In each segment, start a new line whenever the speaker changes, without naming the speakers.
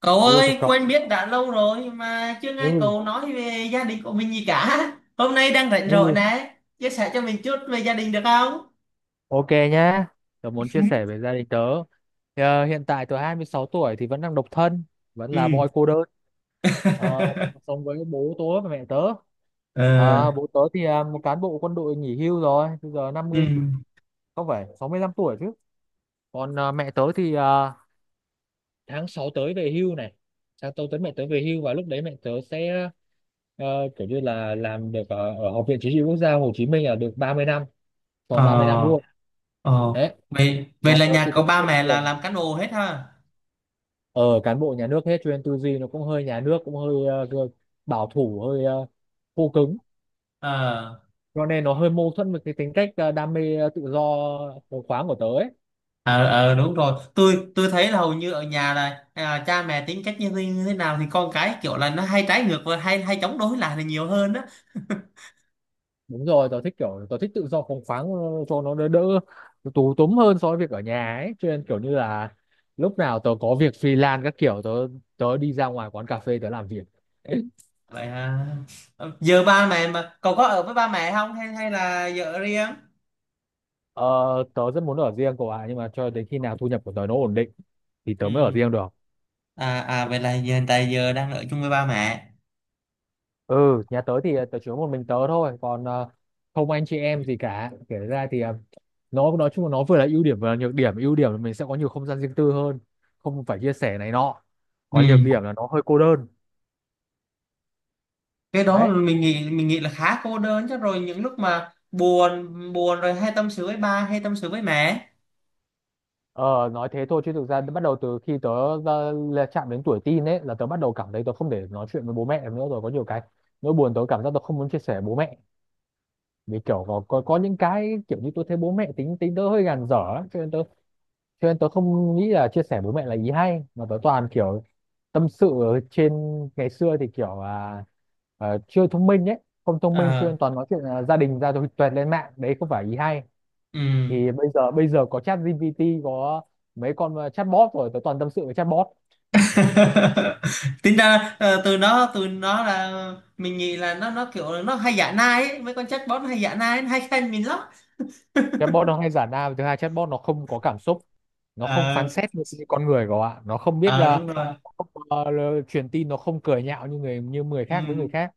Cậu
Hello, chào
ơi,
cậu.
quen biết đã lâu rồi mà chưa
Ừ,
nghe cậu nói về gia đình của mình gì cả. Hôm nay đang rảnh
ừ.
rỗi nè, chia sẻ cho mình chút về gia đình được không?
Ok nhá. Tớ muốn chia sẻ về gia đình tớ. Hiện tại tớ 26 tuổi thì vẫn đang độc thân, vẫn là boy
Ừ.
cô đơn. Tớ sống với bố tớ và mẹ tớ.
Ờ.
Bố tớ thì một cán bộ quân đội nghỉ hưu rồi, bây giờ
Ừ.
50, không phải 65 tuổi chứ. Còn mẹ tớ thì tháng 6 tới về hưu này. Tháng 6 tới mẹ tớ về hưu và lúc đấy mẹ tớ sẽ ờ, kiểu như là làm được ở Học viện Chính trị Quốc gia Hồ Chí Minh là được 30 năm, tròn 30 năm
Ờ.
luôn.
Ờ.
Đấy.
vậy vậy
Nhà
là
tớ thì
nhà có
thích
ba
bất
mẹ là
thường,
làm cán bộ hết ha?
ờ cán bộ nhà nước hết, cho nên tư duy nó cũng hơi nhà nước, cũng hơi bảo thủ, hơi khô cứng,
ờ
cho nên nó hơi mâu thuẫn với cái tính cách đam mê, tự do phóng khoáng của tớ ấy.
ờ ờ, đúng rồi, tôi thấy là hầu như ở nhà là cha mẹ tính cách như thế nào thì con cái kiểu là nó hay trái ngược và hay hay chống đối lại là nhiều hơn đó.
Đúng rồi, tớ thích kiểu, tớ thích tự do phóng khoáng, cho nó đỡ đỡ tù túm hơn so với việc ở nhà ấy, cho nên kiểu như là lúc nào tớ có việc freelance các kiểu, tớ tớ đi ra ngoài quán cà phê tớ làm việc.
Vậy hả? Ờ, giờ ba mẹ mà cậu có ở với ba mẹ không hay hay là giờ ở riêng?
ờ, tớ rất muốn ở riêng cậu ạ nhưng mà cho đến khi nào thu nhập của tớ nó ổn định thì
Ừ.
tớ mới ở riêng được
Vậy là giờ hiện tại giờ đang ở chung với ba mẹ.
ừ, nhà tớ thì tớ chỉ có một mình tớ thôi, còn không anh chị em gì cả. Kể ra thì nó nói chung là nó vừa là ưu điểm vừa là nhược điểm. Ưu điểm là mình sẽ có nhiều không gian riêng tư hơn, không phải chia sẻ này nọ.
Ừ.
Còn nhược điểm là nó hơi cô đơn.
Cái đó là
Đấy.
mình nghĩ là khá cô đơn chứ, rồi những lúc mà buồn buồn rồi hay tâm sự với ba hay tâm sự với mẹ.
Ờ nói thế thôi, chứ thực ra bắt đầu từ khi tớ là chạm đến tuổi teen ấy là tớ bắt đầu cảm thấy tớ không thể nói chuyện với bố mẹ được nữa rồi. Có nhiều cái nỗi buồn tớ cảm giác tớ không muốn chia sẻ với bố mẹ, vì kiểu có những cái kiểu như tôi thấy bố mẹ tính tính tớ hơi gàn dở ấy, cho nên tớ không nghĩ là chia sẻ bố mẹ là ý hay, mà tớ toàn kiểu tâm sự ở trên. Ngày xưa thì kiểu là chưa thông minh ấy, không thông minh, cho
Ờ.
nên toàn nói chuyện là gia đình ra rồi tuẹt lên mạng, đấy không phải ý hay.
Ừ.
Thì bây giờ có chat GPT, có mấy con chatbot, rồi tớ toàn tâm sự với chatbot.
Tính ra từ nó là mình nghĩ là nó kiểu là nó hay giả nai ấy. Mấy con chatbot nó hay giả nai, nó hay khen mình lắm.
Chatbot nó hay giả đa, và thứ hai, chatbot nó không có cảm xúc, nó không phán
Ờ.
xét như như con người của ạ, nó không biết
Ờ, đúng rồi.
truyền tin, nó không cười nhạo như người
Ừ.
khác với người khác,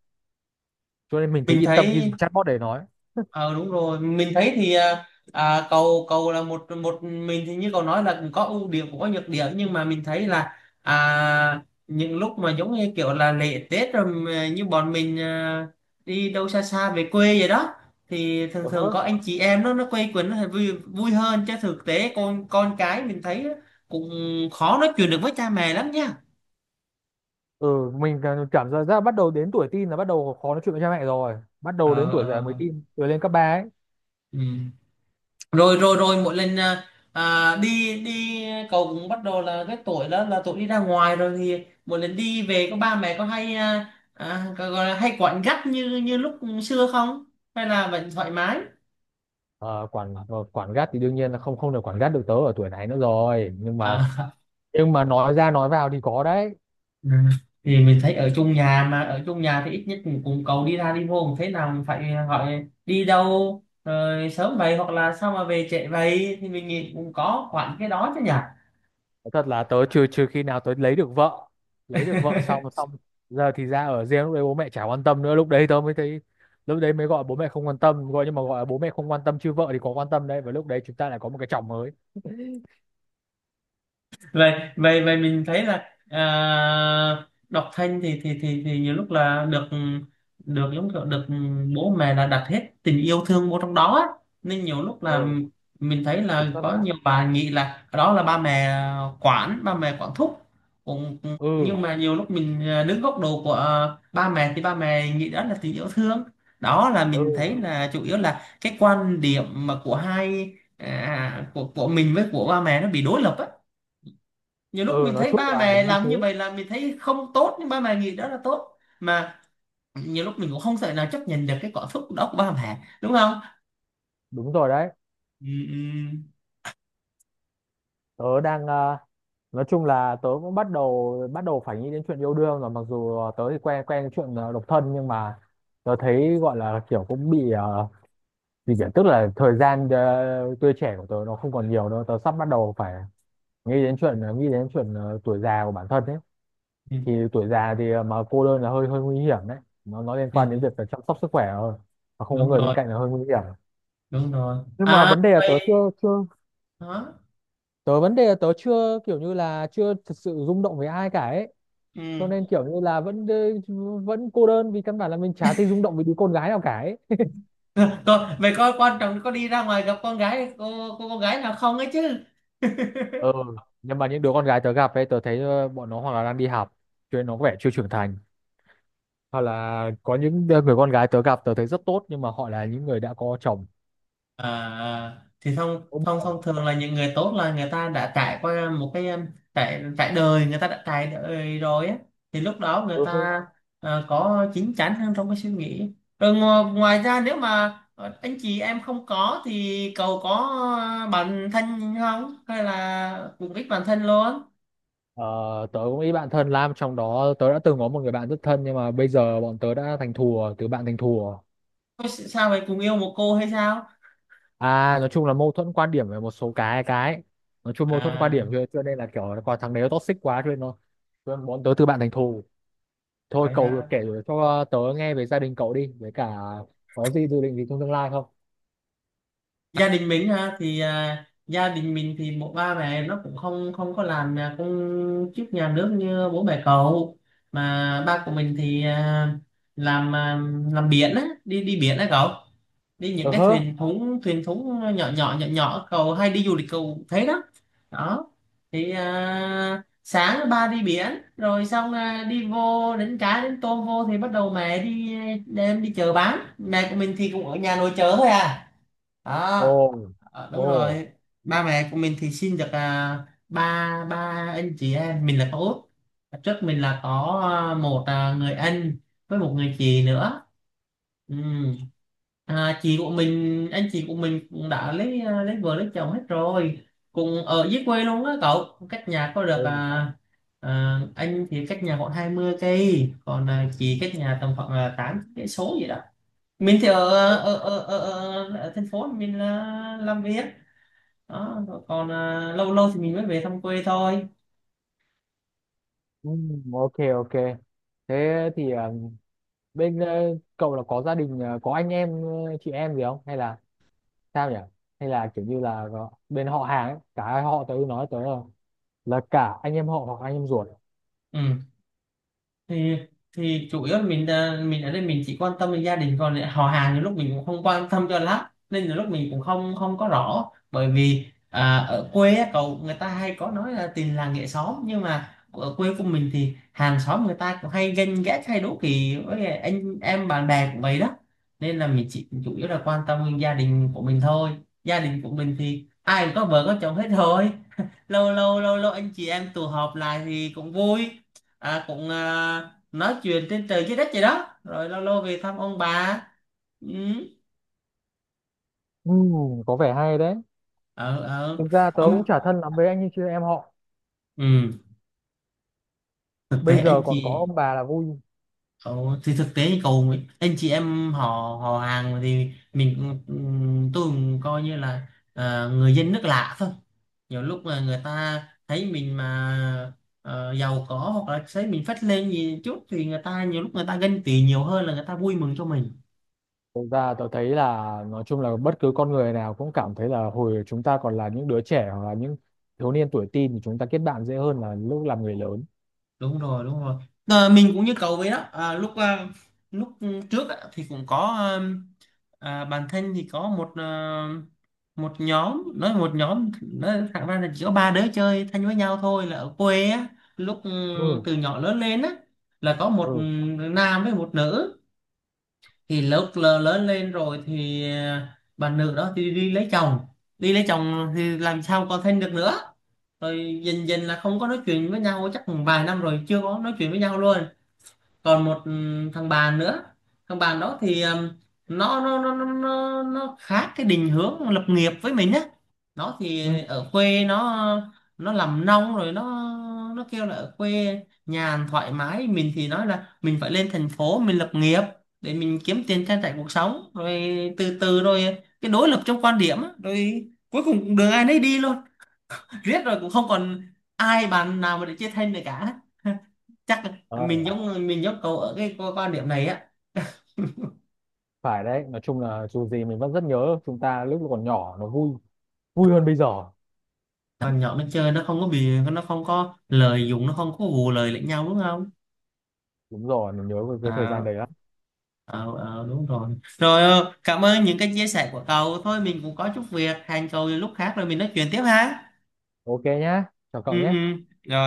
cho nên mình thấy
Mình
yên tâm khi
thấy.
dùng chatbot để nói.
Ờ, đúng rồi, mình thấy thì cầu cầu là một một mình thì như cậu nói là cũng có ưu điểm cũng có nhược điểm, nhưng mà mình thấy là những lúc mà giống như kiểu là lễ Tết rồi mà như bọn mình đi đâu xa xa về quê vậy đó thì thường
Ừ.
thường có anh chị em nó quây quần nó vui vui hơn, chứ thực tế con cái mình thấy cũng khó nói chuyện được với cha mẹ lắm nha.
Ừ, mình cảm cảm giác ra bắt đầu đến tuổi teen là bắt đầu khó nói chuyện với cha mẹ rồi, bắt đầu đến
Ờ.
tuổi dậy, mới
Ờ.
teen rồi lên cấp ba ấy.
Ừ. rồi rồi rồi mỗi lần đi đi cậu cũng bắt đầu là cái tuổi đó là tuổi đi ra ngoài rồi thì mỗi lần đi về có ba mẹ có hay gọi là hay quặn gắt như như lúc xưa không hay là vẫn thoải mái?
Ờ, Quản, quản gắt thì đương nhiên là không không được quản gắt được tớ ở tuổi này nữa rồi, nhưng mà
Ờ.
nói ra nói vào thì có đấy.
Ừ. Thì mình thấy ở chung nhà mà ở chung nhà thì ít nhất cũng, cũng cậu đi ra đi vô cũng thế nào cũng phải hỏi đi đâu rồi sớm vậy hoặc là sao mà về trễ vậy thì mình nghĩ cũng có quặn cái đó chứ nhỉ.
Nói thật là tớ, trừ trừ khi nào tớ lấy được vợ xong xong giờ thì ra ở riêng, lúc đấy bố mẹ chả quan tâm nữa, lúc đấy tớ mới thấy, lúc đấy mới gọi bố mẹ không quan tâm, gọi nhưng mà gọi là bố mẹ không quan tâm, chứ vợ thì có quan tâm đấy, và lúc đấy chúng ta lại có một cái chồng mới.
vậy vậy vậy mình thấy là à, đọc thanh thì thì nhiều lúc là được, giống kiểu được bố mẹ là đặt hết tình yêu thương vô trong đó á. Nên nhiều lúc là
Ừ,
mình thấy
kiểm
là
soát
có
quá.
nhiều bà nghĩ là đó là ba mẹ quản, ba mẹ quản thúc cũng.
Ừ.
Nhưng mà nhiều lúc mình đứng góc độ của ba mẹ thì ba mẹ nghĩ đó là tình yêu thương. Đó là mình
Ừ.
thấy là chủ yếu là cái quan điểm mà của hai của mình với của ba mẹ nó bị đối lập á. Nhiều lúc
Ừ,
mình
nói
thấy
chung
ba
là
mẹ
như
làm
thế.
như vậy là mình thấy không tốt nhưng ba mẹ nghĩ đó là tốt mà. Nhiều lúc mình cũng không thể nào chấp nhận được cái cảm xúc đó của ba mẹ đúng không?
Đúng rồi đấy.
Ừ. Ừ.
Tớ đang nói chung là tớ cũng bắt đầu phải nghĩ đến chuyện yêu đương rồi, mặc dù tớ thì quen quen cái chuyện độc thân, nhưng mà tớ thấy gọi là kiểu cũng bị gì nhỉ? Tức là thời gian, tuổi trẻ của tớ nó không còn nhiều nữa, tớ sắp bắt đầu phải nghĩ đến chuyện tuổi già của bản thân ấy.
Ừ.
Thì tuổi già thì mà cô đơn là hơi hơi nguy hiểm đấy, nó liên quan đến
Ừ.
việc là chăm sóc sức khỏe rồi, mà không có
Đúng
người bên
rồi.
cạnh là hơi nguy hiểm.
Đúng rồi.
Nhưng mà
À
vấn đề là tớ
vậy
chưa chưa,
đó.
tớ vấn đề là tớ chưa kiểu như là chưa thật sự rung động với ai cả ấy, cho
Ừ.
nên kiểu như là vẫn, cô đơn, vì căn bản là mình chả thấy rung động với đứa con gái nào cả ấy.
Cô, vậy có quan trọng có đi ra ngoài gặp con gái, cô con gái nào không ấy chứ?
Ừ, nhưng mà những đứa con gái tớ gặp ấy, tớ thấy bọn nó hoặc là đang đi học, cho nên nó có vẻ chưa trưởng thành, hoặc là có những người con gái tớ gặp tớ thấy rất tốt, nhưng mà họ là những người đã có chồng,
À, à. Thì thông
có
thông
bồ.
thông thường là những người tốt là người ta đã trải qua một cái trải trải đời, người ta đã trải đời rồi á. Thì lúc đó người
Ừ.
ta có chín chắn hơn trong cái suy nghĩ. Rồi ngoài ra nếu mà anh chị em không có thì cậu có bạn thân không hay là cùng ít bạn thân luôn?
Ờ, tớ cũng nghĩ bạn thân Lam trong đó, tớ đã từng có một người bạn rất thân nhưng mà bây giờ bọn tớ đã thành thùa, từ bạn thành thùa.
Có sao vậy, cùng yêu một cô hay sao?
À, nói chung là mâu thuẫn quan điểm về một số cái nói chung mâu thuẫn quan điểm,
À
cho nên là kiểu là còn thằng đấy nó toxic quá cho nên nó, cho nên bọn tớ từ bạn thành thù. Thôi,
vậy
cậu
ha.
kể cho tớ nghe về gia đình cậu đi, với cả có gì dự định gì trong tương lai không?
Gia đình mình ha, thì gia đình mình thì một ba mẹ nó cũng không không có làm công chức nhà nước như bố mẹ cậu. Mà ba của mình thì làm làm biển á, đi đi biển á cậu, đi những
Ờ
cái
hớ.
thuyền thúng nhỏ nhỏ nhỏ nhỏ cậu hay đi du lịch cậu thấy đó. Đó, thì sáng ba đi biển rồi xong đi vô đánh cá đánh tôm vô thì bắt đầu mẹ đi đem đi chợ bán, mẹ của mình thì cũng ở nhà nội chợ thôi à.
Ồ.
Đó. Ờ,
Ồ.
đúng rồi. Ba mẹ của mình thì sinh được ba ba anh chị em, mình là có út. Hồi trước mình là có một người anh với một người chị nữa. Ừ. à, chị của mình anh chị của mình cũng đã lấy lấy vợ lấy chồng hết rồi, cùng ở dưới quê luôn á cậu, cách nhà có được
Ồ.
anh thì cách nhà khoảng 20 cây, còn chị cách nhà tầm khoảng 8 cây số gì đó. Mình thì ở
Ờ.
ở thành phố mình là làm việc. Đó. Rồi còn lâu lâu thì mình mới về thăm quê thôi.
Ừm, ok, ok. Thế thì bên cậu là có gia đình, có anh em, chị em gì không, hay là sao nhỉ? Hay là kiểu như là bên họ hàng ấy, cả hai họ tớ nói tớ là cả anh em họ hoặc anh em ruột.
Ừ. thì thì chủ yếu là mình mình ở đây mình chỉ quan tâm đến gia đình còn lại, họ hàng thì lúc mình cũng không quan tâm cho lắm nên là lúc mình cũng không không có rõ, bởi vì ở quê á cậu, người ta hay có nói là tình làng nghệ xóm nhưng mà ở quê của mình thì hàng xóm người ta cũng hay ganh ghét hay đố kỵ với anh em bạn bè của vậy đó. Nên là mình chỉ chủ yếu là quan tâm đến gia đình của mình thôi. Gia đình của mình thì ai cũng có vợ có chồng hết rồi, lâu lâu anh chị em tụ họp lại thì cũng vui, cũng nói chuyện trên trời dưới đất vậy đó, rồi lâu lâu về thăm ông bà. Ừ.
Có vẻ hay đấy.
Ờ. Ờ.
Thực ra tớ
Ông.
cũng chả thân lắm với anh như chị em họ.
Ừ. Thực
Bây
tế
giờ
anh
còn có
chị.
ông bà là vui.
Ờ, thì thực tế như cậu, anh chị em họ họ hàng thì mình cũng- ừ, tôi cũng coi như là người dân nước lạ thôi. Nhiều lúc mà người ta thấy mình mà giàu có hoặc là thấy mình phất lên gì chút thì người ta nhiều lúc người ta ganh tị nhiều hơn là người ta vui mừng cho mình.
Thực ra tớ thấy là nói chung là bất cứ con người nào cũng cảm thấy là hồi chúng ta còn là những đứa trẻ hoặc là những thiếu niên tuổi teen thì chúng ta kết bạn dễ hơn là lúc làm người lớn.
Đúng rồi. Đúng rồi. Ờ, mình cũng như cậu vậy đó, lúc trước á, thì cũng có bản thân thì có một một nhóm nói, một nhóm nói thẳng ra là chỉ có ba đứa chơi thân với nhau thôi, là ở quê á. lúc ừ,
Ừ,
từ nhỏ lớn lên á, là có một
ừ.
nam với một nữ. Thì lúc lớn lên rồi thì bà nữ đó thì đi lấy chồng, đi lấy chồng thì làm sao còn thân được nữa. Rồi dần dần là không có nói chuyện với nhau, chắc vài năm rồi chưa có nói chuyện với nhau luôn. Còn một thằng bạn nữa, thằng bạn đó thì nó khác cái định hướng lập nghiệp với mình á. Nó
Ừ.
thì ở quê, nó làm nông rồi, nó kêu là ở quê nhàn thoải mái, mình thì nói là mình phải lên thành phố mình lập nghiệp để mình kiếm tiền trang trải cuộc sống. Rồi từ từ rồi cái đối lập trong quan điểm á, rồi cuối cùng đường ai nấy đi luôn. Riết rồi cũng không còn ai, bạn nào mà để chia thân được cả. Chắc
ờ,
mình giống cậu ở cái quan quan điểm này á.
Phải đấy. Nói chung là dù gì mình vẫn rất nhớ chúng ta lúc còn nhỏ nó vui, vui hơn bây giờ.
Thằng nhỏ nó chơi nó không có bị, nó không có lời dùng, nó không có vù lời lẫn nhau đúng không?
Đúng rồi, mình nhớ về cái thời gian
À,
đấy lắm.
ờ, ờ, đúng rồi. Rồi ờ, cảm ơn những cái chia sẻ của cậu, thôi mình cũng có chút việc, hẹn cậu lúc khác rồi mình nói chuyện tiếp ha.
Ok nhá, chào cậu
Ừ.
nhé.
Ừ. Rồi.